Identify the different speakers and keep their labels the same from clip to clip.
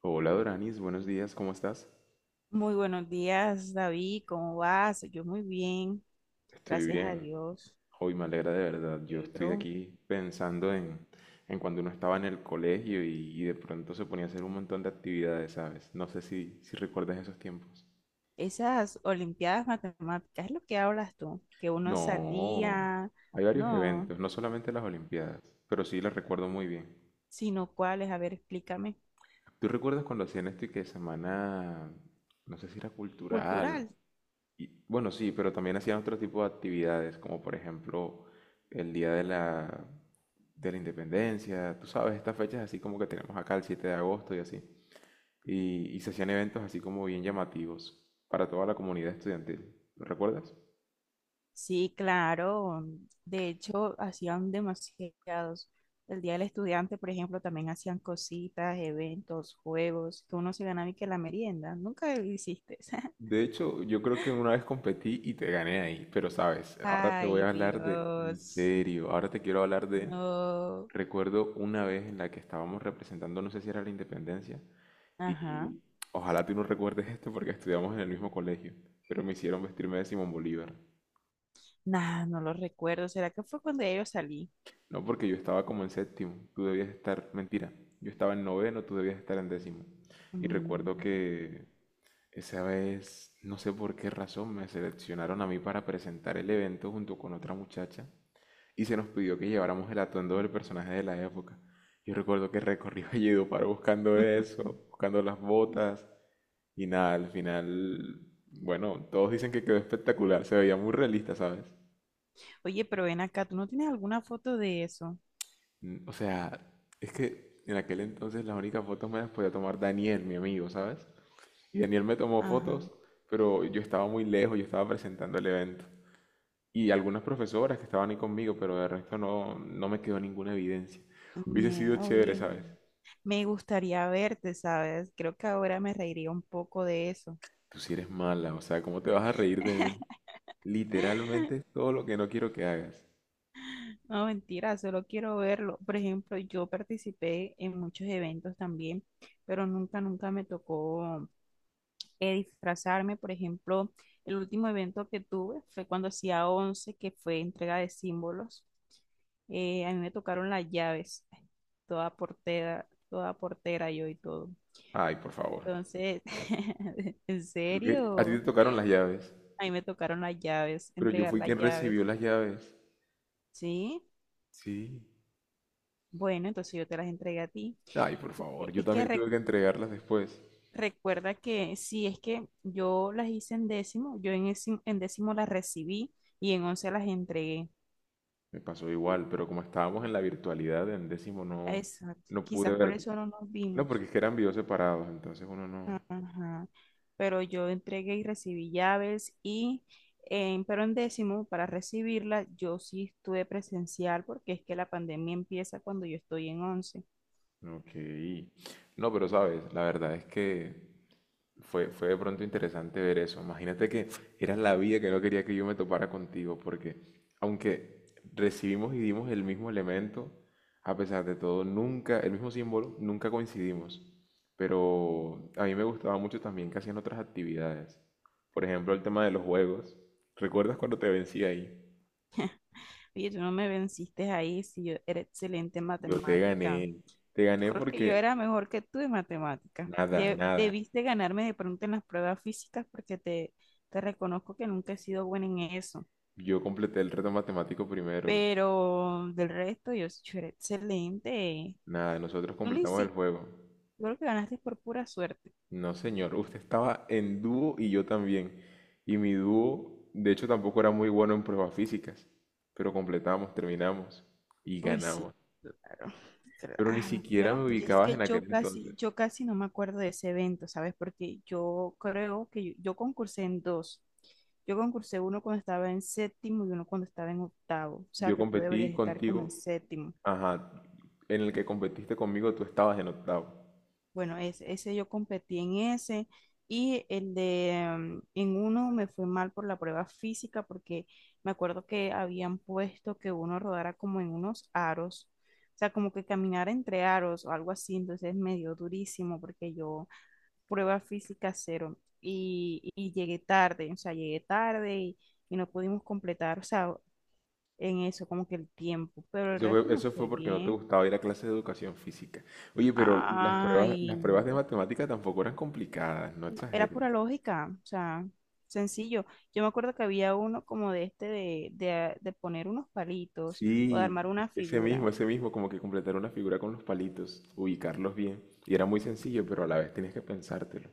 Speaker 1: Hola Doranis, buenos días, ¿cómo estás?
Speaker 2: Muy buenos días, David. ¿Cómo vas? Yo muy bien,
Speaker 1: Estoy
Speaker 2: gracias a
Speaker 1: bien.
Speaker 2: Dios.
Speaker 1: Hoy me alegra de verdad. Yo estoy
Speaker 2: Negro.
Speaker 1: aquí pensando en cuando uno estaba en el colegio y de pronto se ponía a hacer un montón de actividades, ¿sabes? No sé si recuerdas esos tiempos.
Speaker 2: Esas olimpiadas matemáticas es lo que hablas tú, que uno
Speaker 1: No,
Speaker 2: salía,
Speaker 1: hay varios
Speaker 2: no,
Speaker 1: eventos, no solamente las Olimpiadas, pero sí las recuerdo muy bien.
Speaker 2: sino cuáles, a ver, explícame.
Speaker 1: ¿Tú recuerdas cuando hacían esto y que semana, no sé si era cultural?
Speaker 2: Cultural.
Speaker 1: Y, bueno, sí, pero también hacían otro tipo de actividades, como por ejemplo el Día de la Independencia, tú sabes, estas fechas así como que tenemos acá el 7 de agosto y así. Y se hacían eventos así como bien llamativos para toda la comunidad estudiantil. ¿Lo recuerdas?
Speaker 2: Sí, claro. De hecho, hacían demasiados. El Día del Estudiante, por ejemplo, también hacían cositas, eventos, juegos, que uno se ganaba y que la merienda. Nunca lo hiciste.
Speaker 1: De hecho, yo creo que una vez competí y te gané ahí, pero sabes, ahora te voy
Speaker 2: Ay,
Speaker 1: a hablar de, en
Speaker 2: Dios.
Speaker 1: serio, ahora te quiero hablar de,
Speaker 2: No.
Speaker 1: recuerdo una vez en la que estábamos representando, no sé si era la Independencia.
Speaker 2: Ajá.
Speaker 1: Y ojalá tú no recuerdes esto porque estudiamos en el mismo colegio, pero me hicieron vestirme de Simón Bolívar.
Speaker 2: Nah, no lo recuerdo. ¿Será que fue cuando ya yo salí?
Speaker 1: No porque yo estaba como en séptimo, tú debías estar, mentira, yo estaba en noveno, tú debías estar en décimo. Y
Speaker 2: Mm.
Speaker 1: recuerdo que esa vez, no sé por qué razón, me seleccionaron a mí para presentar el evento junto con otra muchacha y se nos pidió que lleváramos el atuendo del personaje de la época. Yo recuerdo que recorrí Valledupar buscando eso, buscando las botas. Y nada, al final, bueno, todos dicen que quedó espectacular, se veía muy realista, ¿sabes?
Speaker 2: Oye, pero ven acá, ¿tú no tienes alguna foto de eso?
Speaker 1: O sea, es que en aquel entonces las únicas fotos me las podía tomar Daniel, mi amigo, ¿sabes? Y Daniel me tomó
Speaker 2: Ajá.
Speaker 1: fotos, pero yo estaba muy lejos, yo estaba presentando el evento. Y algunas profesoras que estaban ahí conmigo, pero de resto no me quedó ninguna evidencia. Hubiese sido
Speaker 2: Ñe,
Speaker 1: chévere,
Speaker 2: oye,
Speaker 1: ¿sabes?
Speaker 2: me gustaría verte, ¿sabes? Creo que ahora me reiría un poco de eso.
Speaker 1: Tú sí eres mala, o sea, ¿cómo te vas a reír de mí? Literalmente todo lo que no quiero que hagas.
Speaker 2: No, mentira, solo quiero verlo. Por ejemplo, yo participé en muchos eventos también, pero nunca, nunca me tocó disfrazarme. Por ejemplo, el último evento que tuve fue cuando hacía 11 que fue entrega de símbolos. A mí me tocaron las llaves, toda portera yo y todo.
Speaker 1: Ay, por favor.
Speaker 2: Entonces, ¿en
Speaker 1: Creo que a ti te
Speaker 2: serio?
Speaker 1: tocaron las llaves.
Speaker 2: A mí me tocaron las llaves,
Speaker 1: Pero yo
Speaker 2: entregar
Speaker 1: fui
Speaker 2: las
Speaker 1: quien
Speaker 2: llaves.
Speaker 1: recibió las llaves.
Speaker 2: ¿Sí?
Speaker 1: Sí.
Speaker 2: Bueno, entonces yo te las entregué a ti.
Speaker 1: Ay, por
Speaker 2: Es
Speaker 1: favor,
Speaker 2: que,
Speaker 1: yo
Speaker 2: es que
Speaker 1: también
Speaker 2: re-
Speaker 1: tuve que entregarlas después.
Speaker 2: recuerda que sí, es que yo las hice en décimo, en décimo las recibí y en once las entregué.
Speaker 1: Me pasó igual, pero como estábamos en la virtualidad, en décimo no,
Speaker 2: Exacto.
Speaker 1: no pude
Speaker 2: Quizás por
Speaker 1: ver.
Speaker 2: eso no nos
Speaker 1: No,
Speaker 2: vimos.
Speaker 1: porque es que eran videos separados, entonces uno no.
Speaker 2: Ajá. Pero yo entregué y recibí llaves y pero en décimo, para recibirla, yo sí estuve presencial porque es que la pandemia empieza cuando yo estoy en once.
Speaker 1: Ok. No, pero sabes, la verdad es que fue de pronto interesante ver eso. Imagínate que era la vida que no quería que yo me topara contigo, porque aunque recibimos y dimos el mismo elemento, a pesar de todo, nunca, el mismo símbolo, nunca coincidimos. Pero a mí me gustaba mucho también que hacían otras actividades. Por ejemplo, el tema de los juegos. ¿Recuerdas cuando te vencí ahí?
Speaker 2: Oye, tú no me venciste ahí si yo era excelente en
Speaker 1: Yo te
Speaker 2: matemática.
Speaker 1: gané. Te
Speaker 2: Yo
Speaker 1: gané
Speaker 2: creo que yo
Speaker 1: porque
Speaker 2: era mejor que tú en matemática.
Speaker 1: nada, nada.
Speaker 2: Debiste ganarme de pronto en las pruebas físicas porque te reconozco que nunca he sido buena en eso.
Speaker 1: Yo completé el reto matemático primero.
Speaker 2: Pero del resto, yo, sí, yo era excelente.
Speaker 1: Nada, nosotros
Speaker 2: Tú ni
Speaker 1: completamos el
Speaker 2: siquiera.
Speaker 1: juego.
Speaker 2: Yo creo que ganaste por pura suerte.
Speaker 1: No, señor, usted estaba en dúo y yo también. Y mi dúo, de hecho, tampoco era muy bueno en pruebas físicas. Pero completamos, terminamos y
Speaker 2: Uy, sí,
Speaker 1: ganamos.
Speaker 2: claro,
Speaker 1: Pero ni
Speaker 2: claro. Yo
Speaker 1: siquiera
Speaker 2: no,
Speaker 1: me
Speaker 2: y es
Speaker 1: ubicabas
Speaker 2: que
Speaker 1: en aquel
Speaker 2: yo casi,
Speaker 1: entonces.
Speaker 2: yo casi no me acuerdo de ese evento, ¿sabes? Porque yo creo que yo concursé en dos. Yo concursé uno cuando estaba en séptimo y uno cuando estaba en octavo. O sea
Speaker 1: Yo
Speaker 2: que tú deberías
Speaker 1: competí
Speaker 2: estar como en
Speaker 1: contigo,
Speaker 2: séptimo.
Speaker 1: ajá, en el que competiste conmigo tú estabas en octavo.
Speaker 2: Bueno, ese yo competí en ese y el de en uno me fue mal por la prueba física porque me acuerdo que habían puesto que uno rodara como en unos aros, o sea, como que caminara entre aros o algo así, entonces me dio durísimo porque yo prueba física cero y llegué tarde, o sea, llegué tarde y no pudimos completar, o sea, en eso como que el tiempo, pero el resto me
Speaker 1: Eso
Speaker 2: fue
Speaker 1: fue porque no te
Speaker 2: bien.
Speaker 1: gustaba ir a clases de educación física. Oye, pero
Speaker 2: Ay,
Speaker 1: las pruebas de matemática tampoco eran complicadas, no
Speaker 2: no, era
Speaker 1: exageres.
Speaker 2: pura lógica, o sea, sencillo. Yo me acuerdo que había uno como de este de poner unos palitos o de
Speaker 1: Sí,
Speaker 2: armar una figura.
Speaker 1: ese mismo, como que completar una figura con los palitos, ubicarlos bien. Y era muy sencillo, pero a la vez tenías que pensártelo.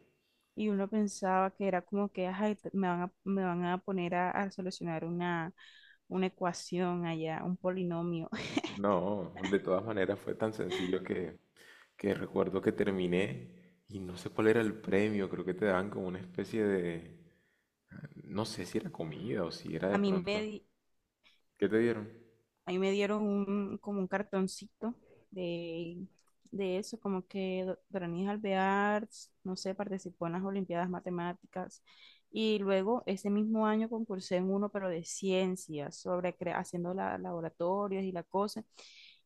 Speaker 2: Y uno pensaba que era como que "Ay, me van a poner a solucionar una ecuación allá, un polinomio.
Speaker 1: No, de todas maneras fue tan sencillo que, recuerdo que terminé y no sé cuál era el premio, creo que te daban como una especie de, no sé si era comida o si era
Speaker 2: A
Speaker 1: de
Speaker 2: mí me,
Speaker 1: pronto.
Speaker 2: di-
Speaker 1: ¿Qué te dieron?
Speaker 2: Ahí me dieron como un cartoncito de, de eso, como que Doranis Alvear, no sé, participó en las Olimpiadas Matemáticas. Y luego ese mismo año concursé en uno, pero de ciencias, sobre haciendo laboratorios y la cosa.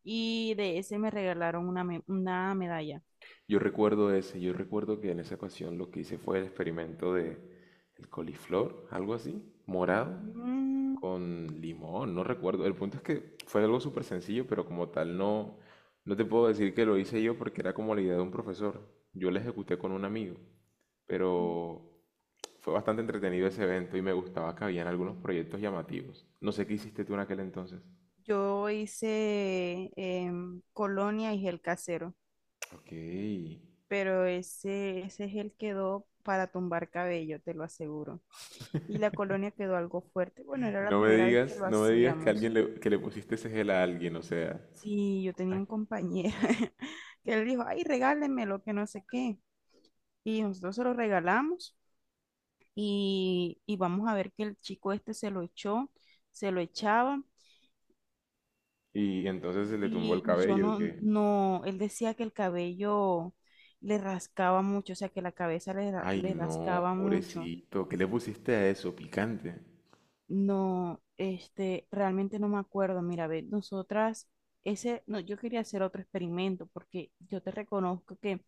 Speaker 2: Y de ese me regalaron una medalla.
Speaker 1: Yo recuerdo ese, yo recuerdo que en esa ocasión lo que hice fue el experimento de el coliflor, algo así, morado,
Speaker 2: Mm,
Speaker 1: con limón, no recuerdo. El punto es que fue algo súper sencillo, pero como tal no te puedo decir que lo hice yo porque era como la idea de un profesor. Yo la ejecuté con un amigo, pero fue bastante entretenido ese evento y me gustaba que habían algunos proyectos llamativos. No sé qué hiciste tú en aquel entonces.
Speaker 2: Yo hice colonia y gel casero.
Speaker 1: Ok.
Speaker 2: Pero ese gel quedó para tumbar cabello, te lo aseguro. Y la colonia quedó algo fuerte. Bueno, era la
Speaker 1: No me
Speaker 2: primera vez que
Speaker 1: digas,
Speaker 2: lo
Speaker 1: no me digas que
Speaker 2: hacíamos.
Speaker 1: alguien le, que le pusiste ese gel a alguien, o sea.
Speaker 2: Sí, yo tenía un compañero que él dijo, ay, regálenmelo, que no sé qué. Y nosotros se lo regalamos y vamos a ver que el chico este se lo echó, se lo echaba.
Speaker 1: Y entonces se le tumbó el
Speaker 2: Y yo
Speaker 1: cabello,
Speaker 2: no,
Speaker 1: que,
Speaker 2: no, él decía que el cabello le rascaba mucho, o sea, que la cabeza
Speaker 1: ay
Speaker 2: le
Speaker 1: no,
Speaker 2: rascaba mucho.
Speaker 1: pobrecito, ¿qué le pusiste a eso? Picante.
Speaker 2: No, este, realmente no me acuerdo. Mira, ve, nosotras, ese, no, yo quería hacer otro experimento porque yo te reconozco que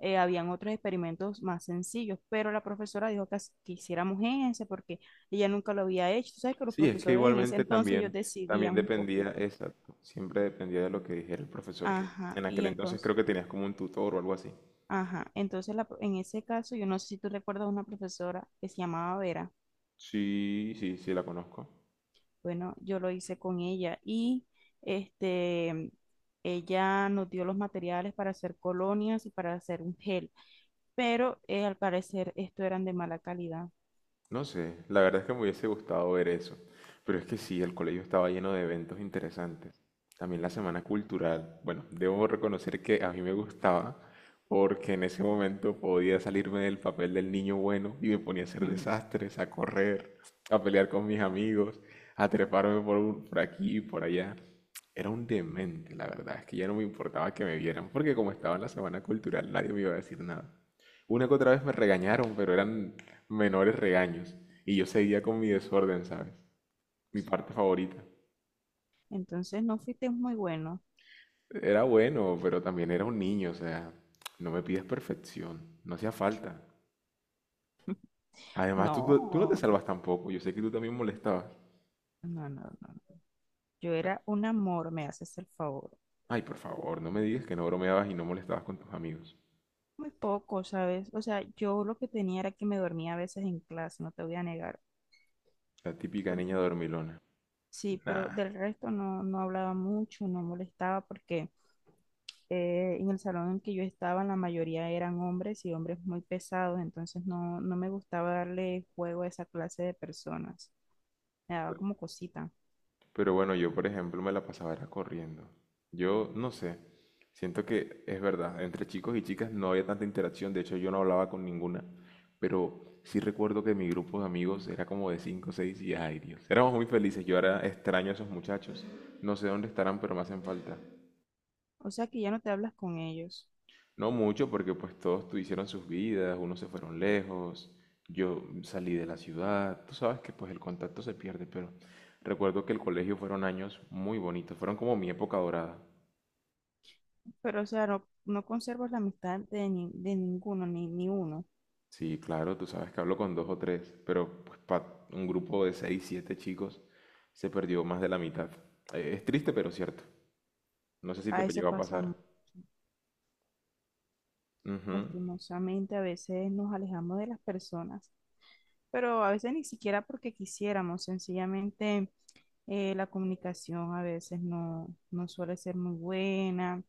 Speaker 2: habían otros experimentos más sencillos, pero la profesora dijo que hiciéramos ese porque ella nunca lo había hecho. Tú sabes que los
Speaker 1: Sí, es que
Speaker 2: profesores en ese
Speaker 1: igualmente
Speaker 2: entonces ellos
Speaker 1: también
Speaker 2: decidían un
Speaker 1: dependía,
Speaker 2: poquito.
Speaker 1: exacto, siempre dependía de lo que dijera el profesor, que
Speaker 2: Ajá,
Speaker 1: en
Speaker 2: y
Speaker 1: aquel entonces
Speaker 2: entonces,
Speaker 1: creo que tenías como un tutor o algo así.
Speaker 2: ajá, entonces la en ese caso, yo no sé si tú recuerdas una profesora que se llamaba Vera.
Speaker 1: Sí, sí, sí, la conozco.
Speaker 2: Bueno, yo lo hice con ella y este, ella nos dio los materiales para hacer colonias y para hacer un gel, pero al parecer esto eran de mala calidad.
Speaker 1: No sé, la verdad es que me hubiese gustado ver eso. Pero es que sí, el colegio estaba lleno de eventos interesantes. También la semana cultural. Bueno, debo reconocer que a mí me gustaba porque en ese momento podía salirme del papel del niño bueno y me ponía a hacer desastres, a correr, a pelear con mis amigos, a treparme por, por aquí y por allá. Era un demente, la verdad. Es que ya no me importaba que me vieran porque como estaba en la semana cultural nadie me iba a decir nada. Una que otra vez me regañaron, pero eran menores regaños. Y yo seguía con mi desorden, ¿sabes? Mi parte favorita.
Speaker 2: Entonces no fuiste muy bueno.
Speaker 1: Era bueno, pero también era un niño, o sea, no me pides perfección, no hacía falta. Además, tú no te
Speaker 2: No,
Speaker 1: salvas tampoco, yo sé que tú también molestabas.
Speaker 2: no, no, no. No. Yo
Speaker 1: No.
Speaker 2: era un amor, me haces el favor.
Speaker 1: Ay, por favor, no me digas que no bromeabas y no molestabas con tus amigos.
Speaker 2: Muy poco, ¿sabes? O sea, yo lo que tenía era que me dormía a veces en clase, no te voy a negar.
Speaker 1: La típica
Speaker 2: Por-
Speaker 1: niña dormilona.
Speaker 2: Sí, pero
Speaker 1: Nah,
Speaker 2: del resto no hablaba mucho, no molestaba porque en el salón en que yo estaba, la mayoría eran hombres y hombres muy pesados, entonces no me gustaba darle juego a esa clase de personas. Me daba como cosita.
Speaker 1: pero bueno, yo por ejemplo me la pasaba era corriendo. Yo no sé, siento que es verdad, entre chicos y chicas no había tanta interacción, de hecho yo no hablaba con ninguna, pero sí recuerdo que mi grupo de amigos era como de 5 o 6 y ay Dios, éramos muy felices, yo ahora extraño a esos muchachos, no sé dónde estarán, pero me hacen falta.
Speaker 2: O sea que ya no te hablas con ellos,
Speaker 1: No mucho, porque pues todos hicieron sus vidas, unos se fueron lejos, yo salí de la ciudad, tú sabes que pues el contacto se pierde, pero recuerdo que el colegio fueron años muy bonitos, fueron como mi época dorada.
Speaker 2: pero o sea, no conservas la amistad de ninguno, ni uno.
Speaker 1: Sí, claro, tú sabes que hablo con dos o tres, pero pues para un grupo de seis, siete chicos se perdió más de la mitad. Es triste, pero cierto. No sé si te
Speaker 2: A eso
Speaker 1: llegó a pasar.
Speaker 2: pasamos.
Speaker 1: Ujú.
Speaker 2: Lastimosamente, a veces nos alejamos de las personas, pero a veces ni siquiera porque quisiéramos, sencillamente la comunicación a veces no suele ser muy buena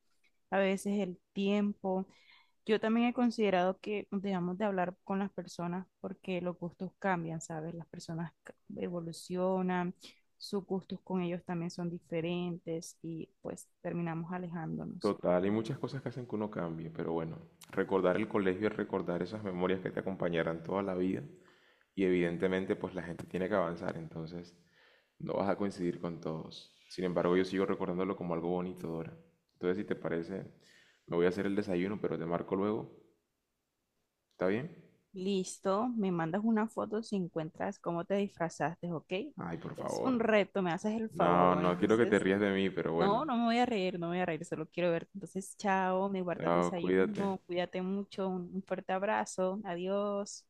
Speaker 2: a veces el tiempo. Yo también he considerado que dejamos de hablar con las personas porque los gustos cambian, ¿sabes? Las personas evolucionan, sus gustos con ellos también son diferentes y pues terminamos alejándonos.
Speaker 1: Total, hay muchas cosas que hacen que uno cambie, pero bueno, recordar el colegio y recordar esas memorias que te acompañarán toda la vida y evidentemente pues la gente tiene que avanzar, entonces no vas a coincidir con todos. Sin embargo, yo sigo recordándolo como algo bonito, Dora. Entonces, si te parece, me voy a hacer el desayuno, pero te marco luego. ¿Está bien?
Speaker 2: Listo, me mandas una foto si encuentras cómo te disfrazaste, ¿ok?
Speaker 1: Ay, por
Speaker 2: Es un
Speaker 1: favor.
Speaker 2: reto, me haces el favor.
Speaker 1: No,
Speaker 2: Bueno,
Speaker 1: no quiero que te
Speaker 2: entonces,
Speaker 1: rías de mí, pero bueno.
Speaker 2: no, no me voy a reír, no me voy a reír, solo quiero verte. Entonces, chao, me guardas
Speaker 1: Chao, cuídate.
Speaker 2: desayuno, cuídate mucho, un fuerte abrazo, adiós.